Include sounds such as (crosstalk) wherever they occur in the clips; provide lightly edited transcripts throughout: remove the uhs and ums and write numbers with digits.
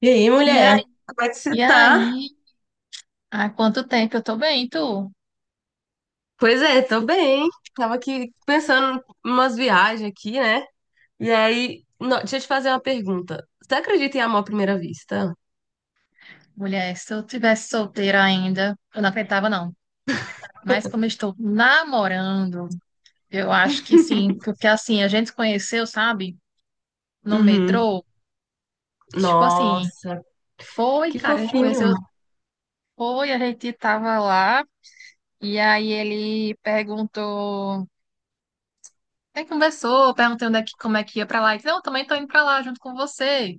E aí, E aí, mulher? Como é que você e tá? aí? Há quanto tempo eu tô bem, tu? Pois é, tô bem. Tava aqui pensando em umas viagens aqui, né? E aí, deixa eu te fazer uma pergunta. Você acredita em amor à primeira vista? Mulher, se eu tivesse solteira ainda, eu não acreditava, não. Mas como eu estou namorando, eu acho que sim, porque assim, a gente se conheceu, sabe? No Uhum. metrô. Tipo assim, Nossa, foi, que cara, a gente fofinho. conheceu, foi, a gente tava lá, e aí ele perguntou, aí conversou, perguntei onde é que, como é que ia pra lá. Ele disse, não, eu também tô indo pra lá junto com você.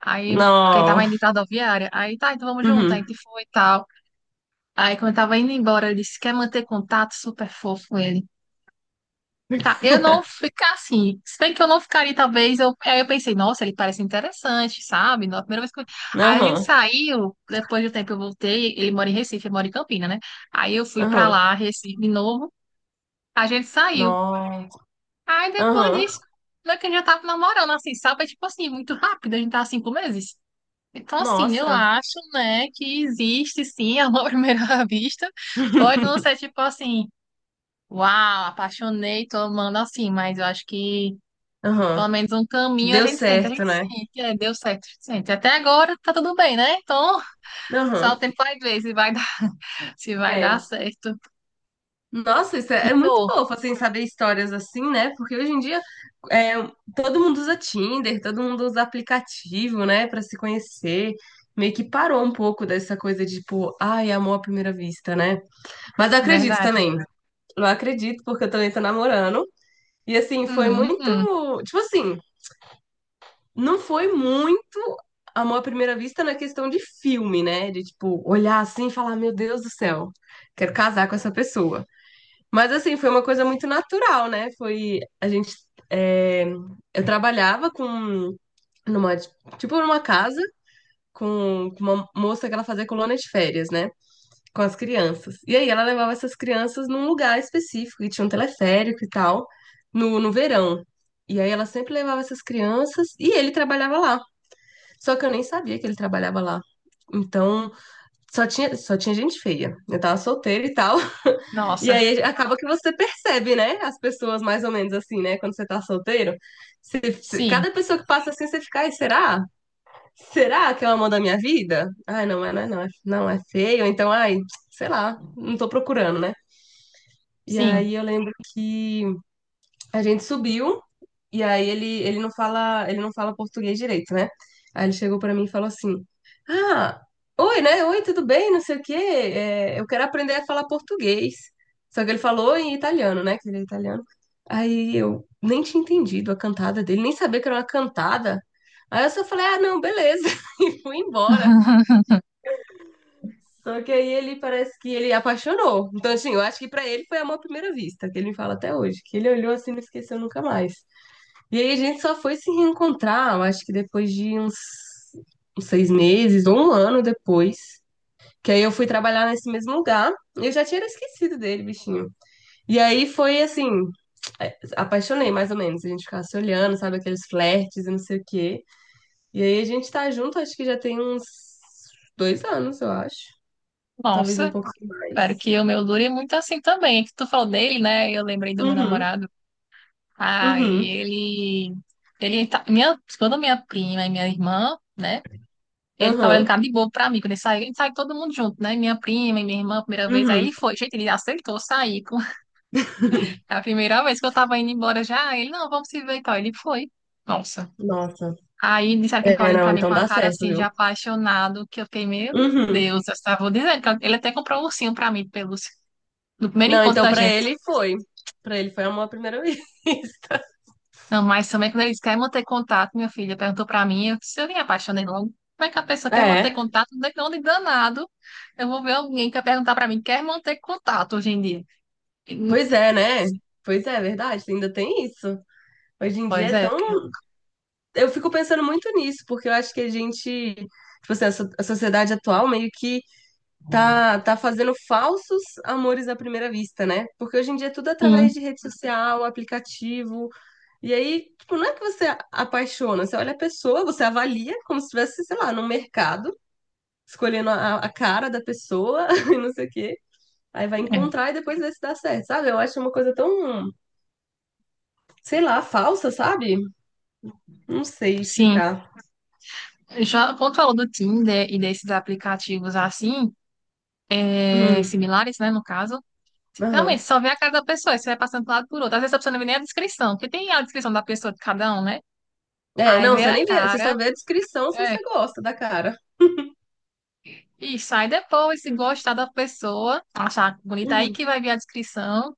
Aí, porque ele Não. tava indo de rodoviária, aí tá, então vamos junto, aí a Uhum. gente foi e tal. Aí, quando eu tava indo embora, ele disse: quer manter contato? Super fofo ele. Tá, eu não (laughs) ficar assim. Se bem que eu não ficaria, talvez. Eu. Aí eu pensei: nossa, ele parece interessante, sabe? Na primeira vez que eu. Aí a gente Aham. saiu, depois do tempo eu voltei. Ele mora em Recife, eu moro em Campina, né? Aí eu fui pra Aham. lá, Recife de novo. A gente saiu. Nossa. Aí depois Aham. disso, não é que a gente já tava namorando, assim, sabe? É tipo assim, muito rápido, a gente tá há 5 meses. Então, assim, eu Nossa. acho, né, que existe sim (laughs) amor à primeira (laughs) vista. Pode não ser tipo assim, Uau, apaixonei, tô amando assim, mas eu acho que pelo Aham. menos um Que caminho deu a certo, gente né? sente, é, deu certo, a gente sente. Até agora tá tudo bem, né? Então, (laughs) só o Aham. tempo vai ver se vai dar, (laughs) se vai dar É. certo. Nossa, isso E é muito tu? fofo, assim, saber histórias assim, né? Porque hoje em dia é, todo mundo usa Tinder, todo mundo usa aplicativo, né, pra se conhecer. Meio que parou um pouco dessa coisa de, tipo, ai, amor à primeira vista, né? Mas eu É acredito verdade. também. Eu acredito, porque eu também tô namorando. E, assim, foi Hum, hum. muito. Tipo assim, não foi muito amor à primeira vista na questão de filme, né? De, tipo, olhar assim e falar, meu Deus do céu, quero casar com essa pessoa. Mas assim, foi uma coisa muito natural, né? Foi a gente é, eu trabalhava com numa tipo numa casa com uma moça que ela fazia colônia de férias, né? Com as crianças. E aí ela levava essas crianças num lugar específico e tinha um teleférico e tal no verão. E aí ela sempre levava essas crianças e ele trabalhava lá. Só que eu nem sabia que ele trabalhava lá. Então, só tinha gente feia. Eu tava solteira e tal. E Nossa, aí acaba que você percebe, né? As pessoas mais ou menos assim, né? Quando você tá solteiro. Sim, Cada pessoa que passa assim, você fica, ai, será? Será que é o amor da minha vida? Ai, não, é, não, é, não, é, não é feio. Então, ai, sei lá, não tô procurando, né? E sim. aí eu lembro que a gente subiu e aí ele não fala português direito, né? Aí ele chegou pra mim e falou assim: "Ah, oi, né? Oi, tudo bem? Não sei o quê. É, eu quero aprender a falar português". Só que ele falou em italiano, né? Que ele é italiano. Aí eu nem tinha entendido a cantada dele, nem sabia que era uma cantada. Aí eu só falei: "Ah, não, beleza". (laughs) E fui embora. (laughs) Só que aí ele parece que ele apaixonou. Então, assim, eu acho que pra ele foi amor à primeira vista, que ele me fala até hoje, que ele olhou assim e não esqueceu nunca mais. E aí a gente só foi se reencontrar, eu acho que depois de uns 6 meses ou um ano depois. Que aí eu fui trabalhar nesse mesmo lugar. Eu já tinha esquecido dele, bichinho. E aí foi assim, apaixonei mais ou menos. A gente ficava se olhando, sabe, aqueles flertes e não sei o quê. E aí a gente tá junto, acho que já tem uns 2 anos, eu acho. Talvez um Nossa, pouco mais. espero que o meu dure muito assim também. Que tu falou dele, né? Eu lembrei do meu Uhum, namorado. Ah, e uhum, ele, ele tá, minha, quando minha prima e minha irmã, né? Ele ficava olhando uhum, cara de bobo pra mim, quando ele saiu todo mundo junto, né? Minha prima e minha irmã, a primeira vez, aí uhum. ele foi, gente, ele aceitou sair, (laughs) a primeira vez que eu tava indo embora já, ele, não, vamos se ver e tal, ele foi, nossa. Nossa. Aí disseram que ele ficava É, olhando não, pra mim então com a dá cara certo, assim, de viu? apaixonado, que eu fiquei, meu Uhum. Deus, eu estava dizendo, que ele até comprou um ursinho pra mim, de pelúcia, no primeiro Não, encontro então da pra gente. ele foi. Pra ele foi amor à primeira (laughs) vista. Não, mas também quando eles querem manter contato, minha filha perguntou pra mim, eu disse, eu me apaixonei logo. Como é que a pessoa quer manter É, contato? De onde danado? Eu vou ver alguém que vai perguntar pra mim, quer manter contato hoje em dia? E, pois é, né? Pois é, é verdade, ainda tem isso. Hoje em dia Pois é é, eu fiquei tão. louca. Eu fico pensando muito nisso, porque eu acho que a gente, tipo assim, a sociedade atual meio que tá fazendo falsos amores à primeira vista, né? Porque hoje em dia é tudo através Sim, de rede social, aplicativo. E aí, tipo, não é que você apaixona, você olha a pessoa, você avalia como se estivesse, sei lá, num mercado, escolhendo a cara da pessoa (laughs) e não sei o quê. Aí vai é, encontrar e depois vê se dá certo, sabe? Eu acho uma coisa tão, sei lá, falsa, sabe? Não sei sim. explicar. Já quando falou do Tinder e desses aplicativos assim, é, Hum, similares, né, no caso, realmente aham. só vê a cara da pessoa, e você vai passando de um lado por outro. Às vezes a pessoa não vê nem a descrição, porque tem a descrição da pessoa de cada um, né? É, Aí não, vê você a nem vê, você só cara. vê a descrição se É, você gosta da cara. e sai depois, se gostar da pessoa, achar bonita aí Uhum, que vai vir a descrição.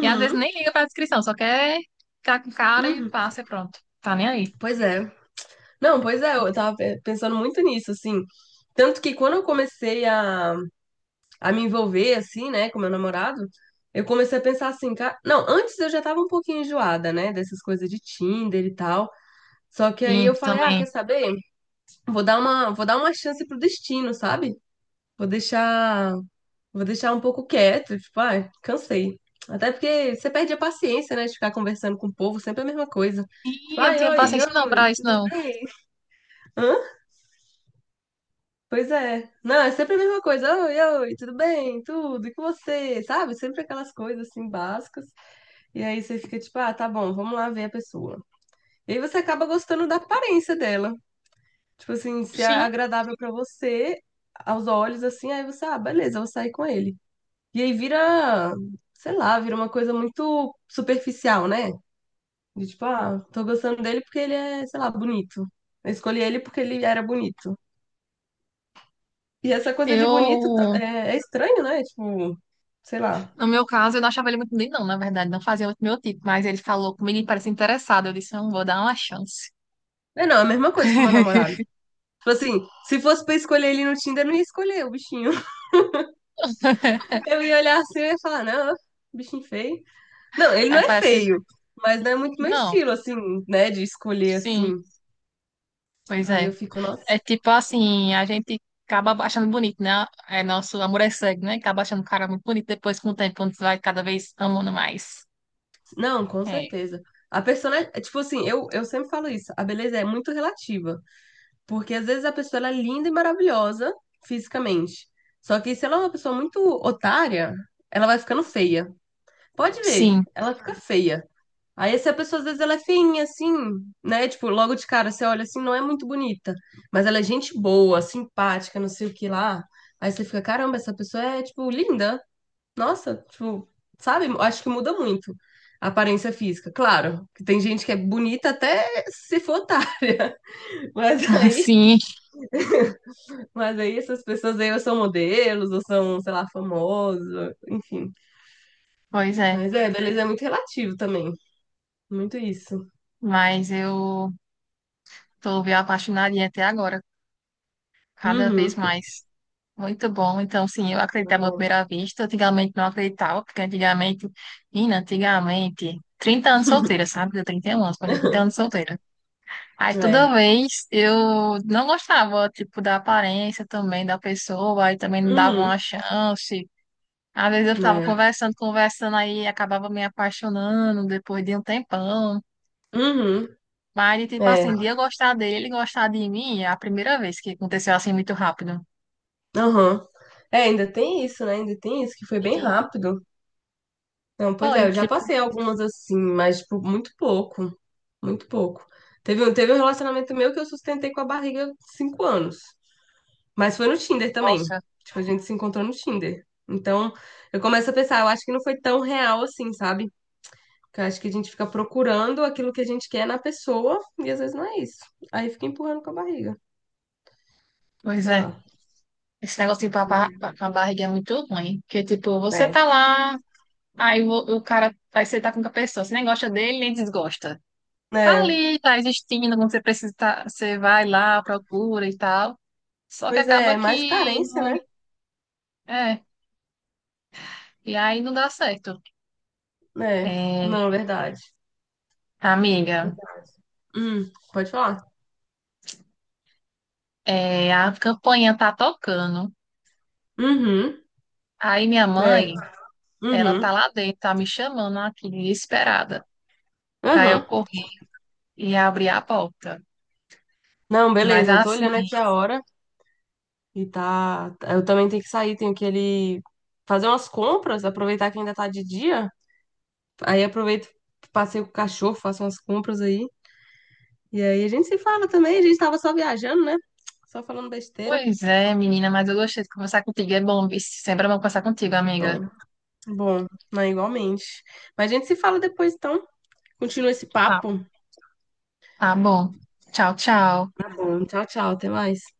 E às vezes nem liga pra descrição, só quer ficar com o cara e uhum. passa e pronto. Tá nem aí. Pois é. Não, pois é, eu tava pensando muito nisso, assim. Tanto que quando eu comecei a me envolver, assim, né, com meu namorado, eu comecei a pensar assim, cara. Não, antes eu já tava um pouquinho enjoada, né, dessas coisas de Tinder e tal. Só que aí E eu falei, ah, quer também. saber? Vou dar uma chance pro destino, sabe? Vou deixar, vou deixar um pouco quieto, tipo, ai, cansei. Até porque você perde a paciência, né, de ficar conversando com o povo, sempre a mesma coisa. E Tipo, eu não ai, tinha oi, paciência não oi, pra isso, tudo não. bem? Hã? Pois é. Não, é sempre a mesma coisa. Oi, oi, tudo bem? Tudo, e com você? Sabe? Sempre aquelas coisas assim básicas. E aí você fica tipo, ah, tá bom, vamos lá ver a pessoa. E aí você acaba gostando da aparência dela. Tipo assim, se é Sim, agradável pra você, aos olhos, assim, aí você, ah, beleza, eu vou sair com ele. E aí vira, sei lá, vira uma coisa muito superficial, né? De tipo, ah, tô gostando dele porque ele é, sei lá, bonito. Eu escolhi ele porque ele era bonito. E essa coisa de bonito tá- eu. é, é estranho, né? Tipo, sei lá. No meu caso, eu não achava ele muito bonito, não, na verdade. Não fazia muito meu tipo, mas ele falou comigo e parece interessado. Eu disse, não, vou dar uma chance. É, não, é a mesma coisa com o meu (laughs) namorado. Tipo assim, se fosse pra escolher ele no Tinder, eu não ia escolher o bichinho. (laughs) Eu ia olhar assim e ia falar, não, bichinho feio. Não, ele não Aí é parece. feio, mas não é muito meu Não, estilo, assim, né? De escolher sim, assim. pois Aí eu é. fico, nossa. É tipo assim, a gente acaba achando bonito, né? É nosso amor é cego, né? Acaba achando o cara muito bonito depois com o tempo, quando você vai cada vez amando mais. Não, com É. certeza. A pessoa, é tipo assim, eu sempre falo isso, a beleza é muito relativa. Porque às vezes a pessoa ela é linda e maravilhosa fisicamente. Só que se ela é uma pessoa muito otária, ela vai ficando feia. Pode ver, Sim, ela fica feia. Aí essa pessoa, às vezes, ela é feinha, assim, né? Tipo, logo de cara, você olha assim, não é muito bonita. Mas ela é gente boa, simpática, não sei o que lá. Aí você fica, caramba, essa pessoa é, tipo, linda. Nossa, tipo, sabe? Acho que muda muito a aparência física. Claro, que tem gente que é bonita até se for otária. (laughs) Mas (laughs) aí, sim, mas aí essas pessoas aí ou são modelos, ou são, sei lá, famosos, enfim. pois é. Mas é, beleza é muito relativo também. Muito isso. Mas eu tô me apaixonadinha até agora, cada vez Uhum. mais. Muito bom. Então, sim, eu Não é acreditava à bom. primeira vista. Antigamente não acreditava, porque antigamente, menina, antigamente, 30 anos solteira, sabe? Eu tenho 31 anos, mas 30 anos (laughs) solteira. Aí É. toda vez eu não gostava, tipo, da aparência também da pessoa, aí também não dava Uhum, uma chance. Às vezes eu ficava né? conversando, conversando, aí acabava me apaixonando depois de um tempão. Uhum, Mas, tipo é, assim, de eu gostar dele, ele gostar de mim, é a primeira vez que aconteceu assim muito rápido. aham. É, ainda tem isso, né? Ainda tem isso, que foi bem E rápido. Não, pois é, foi, eu já tipo, passei algumas assim, mas, tipo, muito pouco. Muito pouco. Teve um relacionamento meu que eu sustentei com a barriga 5 anos. Mas foi no Tinder também. nossa, Tipo, a gente se encontrou no Tinder. Então, eu começo a pensar, eu acho que não foi tão real assim, sabe? Porque eu acho que a gente fica procurando aquilo que a gente quer na pessoa e às vezes não é isso. Aí fica empurrando com a barriga. pois Sei é. lá. Esse negócio de papar com a barriga é muito ruim. Porque, tipo, você tá É. lá, aí o cara, aí você tá com a pessoa, você nem gosta dele, nem desgosta. Tá É. ali, tá existindo, quando você precisa, você vai lá, procura e tal. Só que Pois é, acaba é mais que, carência, né? é, e aí não dá certo. É, É, não, é verdade. amiga, Pode falar. é, a campainha tá tocando. Uhum, Aí minha é. mãe, ela tá Uhum, lá dentro, tá me chamando aqui, desesperada, pra aham. eu correr e abrir a porta. Não, Mas beleza, eu tô olhando aqui assim, a hora e tá. Eu também tenho que sair, tenho que ele fazer umas compras, aproveitar que ainda tá de dia. Aí aproveito, passeio com o cachorro, faço umas compras aí. E aí a gente se fala também, a gente tava só viajando, né? Só falando besteira. pois é, menina, mas eu gostei de conversar contigo. É bom, viu? Sempre é bom conversar contigo, amiga. Bom, bom, não, igualmente. Mas a gente se fala depois, então. Continua esse Tá, papo. tá bom. Tchau, tchau. Bom, tchau, tchau, até mais.